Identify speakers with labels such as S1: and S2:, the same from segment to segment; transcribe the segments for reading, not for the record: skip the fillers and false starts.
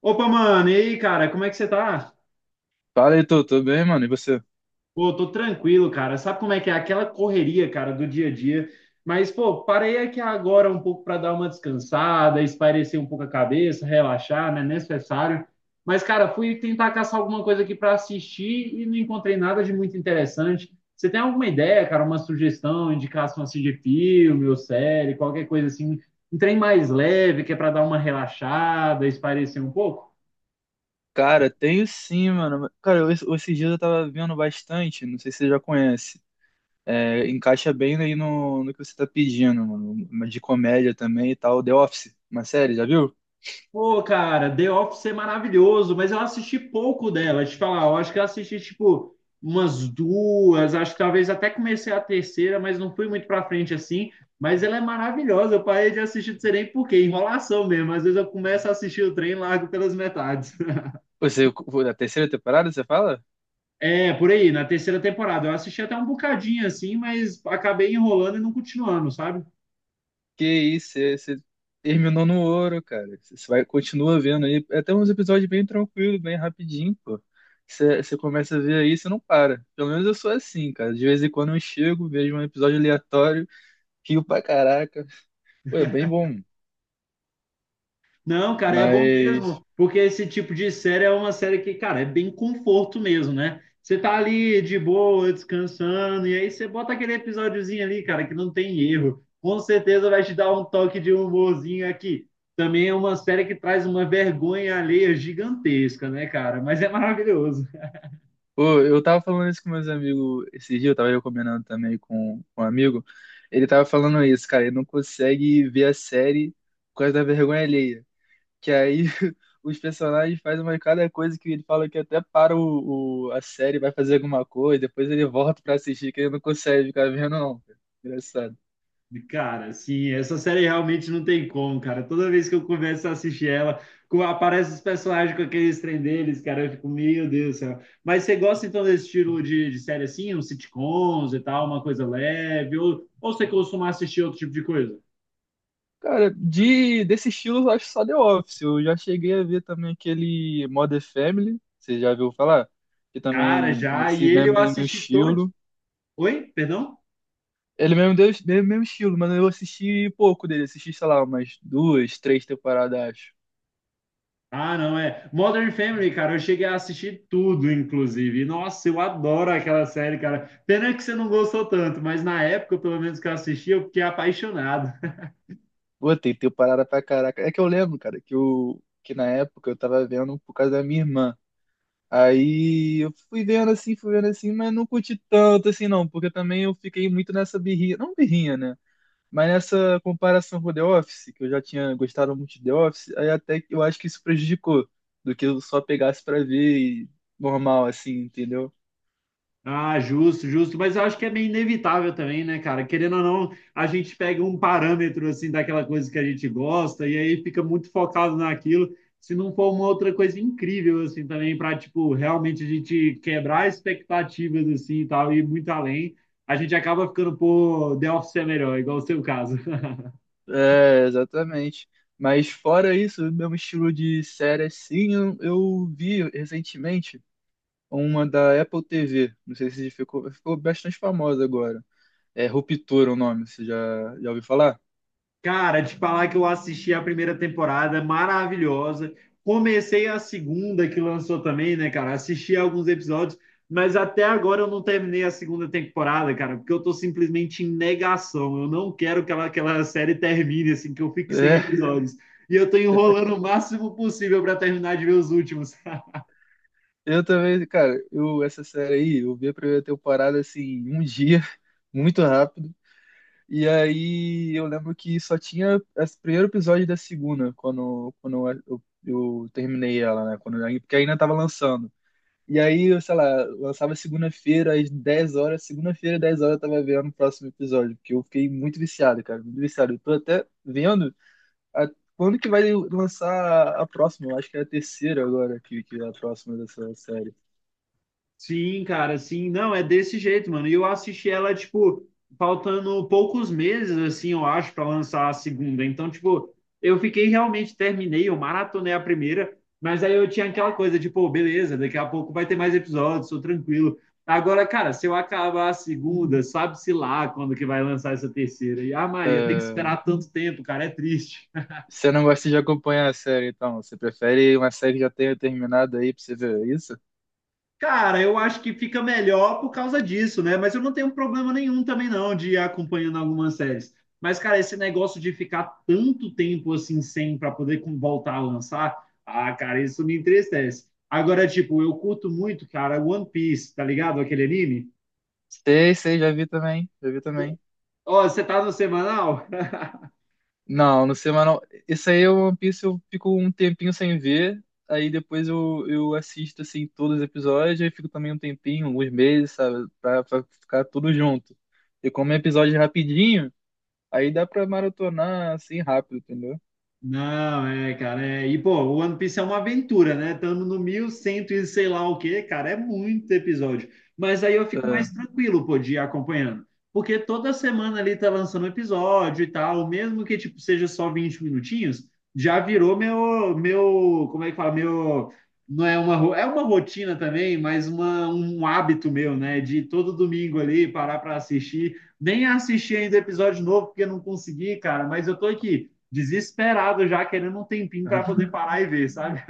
S1: Opa, mano, e aí, cara, como é que você tá?
S2: Fala, Heitor, tudo bem, mano? E você?
S1: Pô, tô tranquilo, cara. Sabe como é que é aquela correria, cara, do dia a dia? Mas, pô, parei aqui agora um pouco para dar uma descansada, espairecer um pouco a cabeça, relaxar, né? Necessário. Mas, cara, fui tentar caçar alguma coisa aqui para assistir e não encontrei nada de muito interessante. Você tem alguma ideia, cara, uma sugestão, indicação assim de filme ou série, qualquer coisa assim, um trem mais leve que é para dar uma relaxada, espairecer um pouco?
S2: Cara, tenho sim, mano. Cara, esses dias eu tava vendo bastante, não sei se você já conhece. É, encaixa bem aí no que você tá pedindo, mano. Uma de comédia também e tal. The Office, uma série, já viu?
S1: Pô, cara, The Office é maravilhoso, mas eu assisti pouco dela. Te falar, eu acho que eu assisti tipo umas duas, acho que talvez até comecei a terceira, mas não fui muito pra frente assim. Mas ela é maravilhosa. Eu parei de assistir, não sei nem por quê, enrolação mesmo. Às vezes eu começo a assistir o trem e largo pelas metades.
S2: Você, a terceira temporada, você fala?
S1: É, por aí, na terceira temporada. Eu assisti até um bocadinho assim, mas acabei enrolando e não continuando, sabe?
S2: Que isso, você terminou no ouro, cara. Continua vendo aí. É até uns episódios bem tranquilos, bem rapidinho, pô. Você começa a ver aí, você não para. Pelo menos eu sou assim, cara. De vez em quando eu chego, vejo um episódio aleatório. Rio pra caraca. Pô, é bem bom.
S1: Não, cara, é bom
S2: Mas,
S1: mesmo, porque esse tipo de série é uma série que, cara, é bem conforto mesmo, né? Você tá ali de boa, descansando, e aí você bota aquele episódiozinho ali, cara, que não tem erro. Com certeza vai te dar um toque de humorzinho aqui. Também é uma série que traz uma vergonha alheia gigantesca, né, cara? Mas é maravilhoso.
S2: pô, eu tava falando isso com meus amigos esse dia, eu combinando também com um amigo. Ele tava falando isso, cara, ele não consegue ver a série por causa da vergonha alheia. Que aí os personagens fazem uma cada coisa que ele fala que até para a série, vai fazer alguma coisa, depois ele volta pra assistir, que ele não consegue ficar vendo, não, cara. Engraçado.
S1: Cara, sim, essa série realmente não tem como, cara. Toda vez que eu começo a assistir ela, aparece os personagens com aqueles trem deles, cara, eu fico, meu Deus do céu. Mas você gosta então desse estilo de série assim, uns sitcoms e tal, uma coisa leve, ou você costuma assistir outro tipo de coisa?
S2: Cara, desse estilo eu acho só The Office. Eu já cheguei a ver também aquele Modern Family, você já viu falar? Que
S1: Cara,
S2: também
S1: já, e
S2: nesse
S1: ele
S2: mesmo,
S1: eu
S2: mesmo
S1: assisti todo.
S2: estilo.
S1: Oi? Perdão?
S2: Ele é mesmo deu mesmo estilo, mas eu assisti pouco dele. Assisti, sei lá, umas duas, três temporadas, acho.
S1: Ah, não, é. Modern Family, cara, eu cheguei a assistir tudo, inclusive. Nossa, eu adoro aquela série, cara. Pena que você não gostou tanto, mas na época, pelo menos que eu assisti, eu fiquei apaixonado.
S2: Pô, tem temporada pra caraca. É que eu lembro, cara, que na época eu tava vendo por causa da minha irmã. Aí eu fui vendo assim, mas não curti tanto assim não, porque também eu fiquei muito nessa birrinha. Não birrinha, né? Mas nessa comparação com The Office, que eu já tinha gostado muito de The Office, aí até que eu acho que isso prejudicou do que eu só pegasse pra ver e normal, assim, entendeu?
S1: Ah, justo, justo, mas eu acho que é meio inevitável também, né, cara? Querendo ou não, a gente pega um parâmetro assim daquela coisa que a gente gosta e aí fica muito focado naquilo. Se não for uma outra coisa incrível assim também para tipo realmente a gente quebrar expectativas assim e tal e ir muito além, a gente acaba ficando, pô, The Office é melhor, igual o seu caso.
S2: É, exatamente. Mas fora isso, o meu estilo de série, assim, eu vi recentemente uma da Apple TV. Não sei se ficou bastante famosa agora. É Ruptura o nome, você já ouviu falar?
S1: Cara, te falar que eu assisti a primeira temporada, maravilhosa. Comecei a segunda que lançou também, né, cara? Assisti alguns episódios, mas até agora eu não terminei a segunda temporada, cara, porque eu tô simplesmente em negação. Eu não quero que ela, que aquela série termine, assim, que eu fique sem
S2: É,
S1: episódios. E eu tô enrolando o máximo possível para terminar de ver os últimos.
S2: eu também, cara, essa série aí, eu vi a primeira temporada, assim, em um dia, muito rápido. E aí eu lembro que só tinha esse primeiro episódio da segunda, quando terminei ela, né? Porque ainda tava lançando. E aí, sei lá, lançava segunda-feira às 10 horas, segunda-feira às 10 horas eu tava vendo o próximo episódio, porque eu fiquei muito viciado, cara, muito viciado. Eu tô até vendo a- quando que vai lançar a próxima, eu acho que é a terceira agora que é a próxima dessa série.
S1: Sim, cara, sim. Não, é desse jeito, mano. E eu assisti ela, tipo, faltando poucos meses, assim, eu acho, para lançar a segunda. Então, tipo, eu fiquei realmente, terminei, eu maratonei a primeira, mas aí eu tinha aquela coisa de, pô, beleza, daqui a pouco vai ter mais episódios, tô tranquilo. Agora, cara, se eu acabar a segunda, sabe-se lá quando que vai lançar essa terceira. E a Maria tem que
S2: É.
S1: esperar tanto tempo, cara, é triste.
S2: Você não gosta de acompanhar a série, então? Você prefere uma série que já tenha terminado aí pra você ver é isso?
S1: Cara, eu acho que fica melhor por causa disso, né? Mas eu não tenho problema nenhum também não de ir acompanhando algumas séries. Mas, cara, esse negócio de ficar tanto tempo assim sem para poder voltar a lançar, ah, cara, isso me entristece. Agora, tipo, eu curto muito, cara, One Piece, tá ligado? Aquele anime.
S2: Sei, sei, já vi também, já vi também.
S1: Ó, você tá no semanal?
S2: Não, no semanal. Isso aí é o One Piece, eu fico um tempinho sem ver, aí depois eu assisto, assim, todos os episódios, aí fico também um tempinho, alguns meses, sabe, pra ficar tudo junto. E como é episódio rapidinho, aí dá pra maratonar, assim, rápido, entendeu?
S1: Não, é, cara, é. E, pô, o One Piece é uma aventura, né? Estamos no 1100 e cem e sei lá o quê, cara, é muito episódio. Mas aí eu fico mais
S2: É.
S1: tranquilo, pô, de ir acompanhando. Porque toda semana ali tá lançando um episódio e tal, mesmo que, tipo, seja só 20 minutinhos, já virou meu, como é que fala? Meu, não é uma, ro- É uma rotina também, mas uma, um hábito meu, né? De todo domingo ali parar pra assistir. Nem assisti ainda o episódio novo, porque eu não consegui, cara, mas eu tô aqui desesperado já, querendo um tempinho para poder parar e ver, sabe?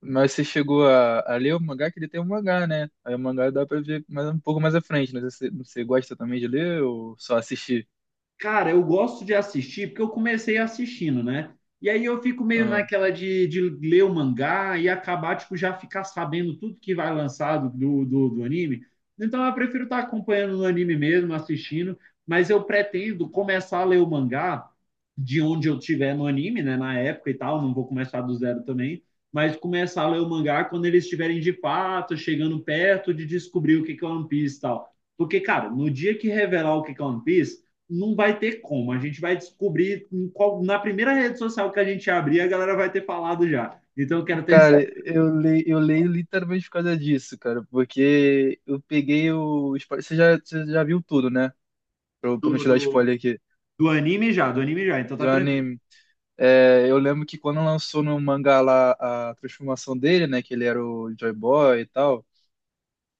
S2: Mas você chegou a ler o mangá, que ele tem um mangá, né? Aí o mangá dá pra ver mais, um pouco mais à frente, né? Você gosta também de ler ou só assistir?
S1: Cara, eu gosto de assistir porque eu comecei assistindo, né? E aí eu fico meio naquela de, ler o mangá e acabar, tipo, já ficar sabendo tudo que vai lançar do anime. Então eu prefiro estar acompanhando no anime mesmo, assistindo, mas eu pretendo começar a ler o mangá de onde eu tiver no anime, né? Na época e tal, não vou começar do zero também, mas começar a ler o mangá quando eles estiverem de fato, chegando perto de descobrir o que que é One Piece e tal. Porque, cara, no dia que revelar o que que é One Piece, não vai ter como. A gente vai descobrir em qual, na primeira rede social que a gente abrir, a galera vai ter falado já. Então eu quero ter esse
S2: Cara, eu leio literalmente por causa disso, cara, porque eu peguei Você já, você já viu tudo, né? Pra não
S1: do,
S2: te dar
S1: do,
S2: spoiler aqui.
S1: do anime já, então
S2: De
S1: tá
S2: um
S1: tranquilo.
S2: anime. É, eu lembro que quando lançou no mangá lá a transformação dele, né? Que ele era o Joy Boy e tal.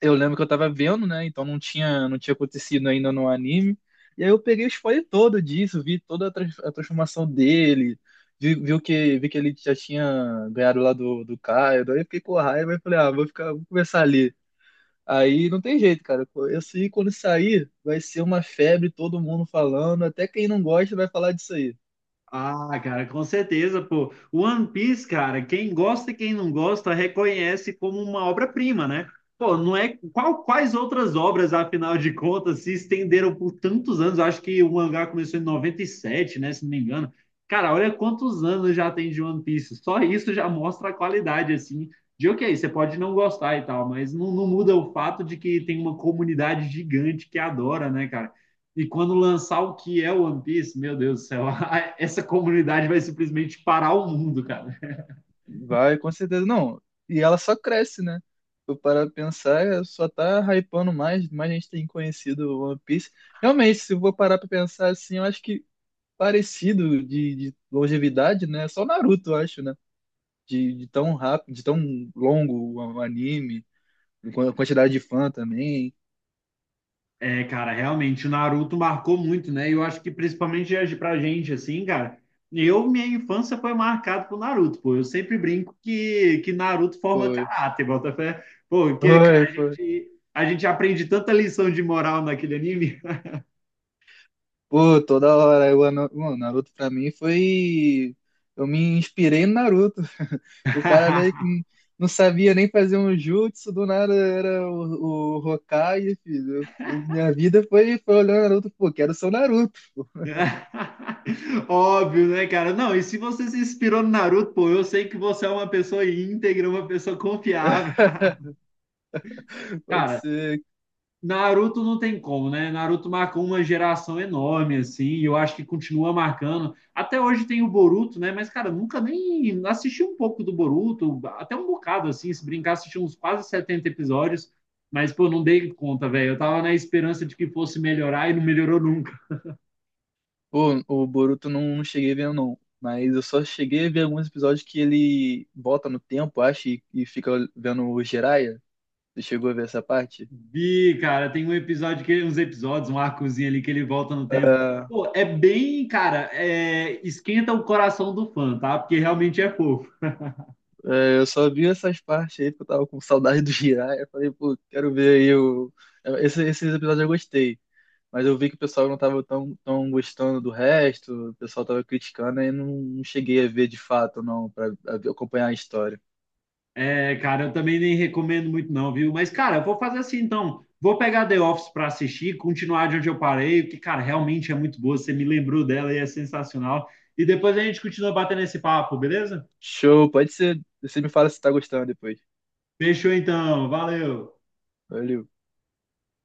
S2: Eu lembro que eu tava vendo, né? Então não tinha acontecido ainda no anime. E aí eu peguei o spoiler todo disso, vi toda a transformação dele, vi que ele já tinha ganhado lá do Caio. Daí eu fiquei com raiva e falei, ah, vou começar ali. Aí não tem jeito, cara. Isso aí, quando sair, vai ser uma febre, todo mundo falando. Até quem não gosta vai falar disso aí.
S1: Ah, cara, com certeza, pô. One Piece, cara, quem gosta e quem não gosta reconhece como uma obra-prima, né? Pô, não é qual, quais outras obras, afinal de contas, se estenderam por tantos anos? Eu acho que o mangá começou em 97, né, se não me engano. Cara, olha quantos anos já tem de One Piece. Só isso já mostra a qualidade, assim, de ok, você pode não gostar e tal, mas não muda o fato de que tem uma comunidade gigante que adora, né, e quando lançar o que é One Piece, meu Deus do céu, essa comunidade vai simplesmente parar o mundo, cara.
S2: Vai, com certeza. Não, e ela só cresce, né? Eu parar pra pensar, é, só tá hypando mais, mais gente tem conhecido o One Piece. Realmente, se eu vou parar pra pensar assim, eu acho que parecido de longevidade, né? Só o Naruto, eu acho, né? De tão rápido, de tão longo o anime, com a quantidade de fã também.
S1: É, cara, realmente, o Naruto marcou muito, né? E eu acho que principalmente pra gente, assim, cara, eu, minha infância foi marcada por Naruto, pô. Eu sempre brinco que Naruto forma
S2: Foi,
S1: caráter, bota fé. Pô, porque cara,
S2: foi, foi.
S1: a gente aprende tanta lição de moral naquele anime.
S2: Pô, toda hora. Mano, Naruto pra mim foi. Eu me inspirei no Naruto. O cara ali que não sabia nem fazer um jutsu, do nada era o Hokage, filho. Minha vida foi, olhando Naruto. Pô, quero ser o Naruto.
S1: Óbvio, né, cara? Não, e se você se inspirou no Naruto, pô, eu sei que você é uma pessoa íntegra, uma pessoa confiável.
S2: Pode
S1: Cara,
S2: ser.
S1: Naruto não tem como, né? Naruto marcou uma geração enorme, assim, e eu acho que continua marcando. Até hoje tem o Boruto, né? Mas, cara, nunca nem assisti um pouco do Boruto, até um bocado, assim, se brincar, assisti uns quase 70 episódios, mas, pô, não dei conta, velho. Eu tava na esperança de que fosse melhorar e não melhorou.
S2: Pô, o Boruto não cheguei vendo, não. Mas eu só cheguei a ver alguns episódios que ele volta no tempo, acho, e fica vendo o Jiraiya. Você chegou a ver essa parte?
S1: Vi, cara, tem um episódio que uns episódios, um arcozinho ali que ele volta no tempo. Pô, é bem, cara, é, esquenta o coração do fã, tá? Porque realmente é fofo.
S2: É, eu só vi essas partes aí porque eu tava com saudade do Jiraiya. Eu falei, pô, quero ver aí esses episódios eu gostei. Mas eu vi que o pessoal não tava tão gostando do resto, o pessoal tava criticando e não cheguei a ver de fato, não, pra acompanhar a história.
S1: É, cara, eu também nem recomendo muito não, viu? Mas, cara, eu vou fazer assim então. Vou pegar The Office pra assistir, continuar de onde eu parei, porque, cara, realmente é muito boa. Você me lembrou dela e é sensacional. E depois a gente continua batendo esse papo, beleza?
S2: Show, pode ser. Você me fala se tá gostando depois.
S1: Fechou então, valeu.
S2: Valeu.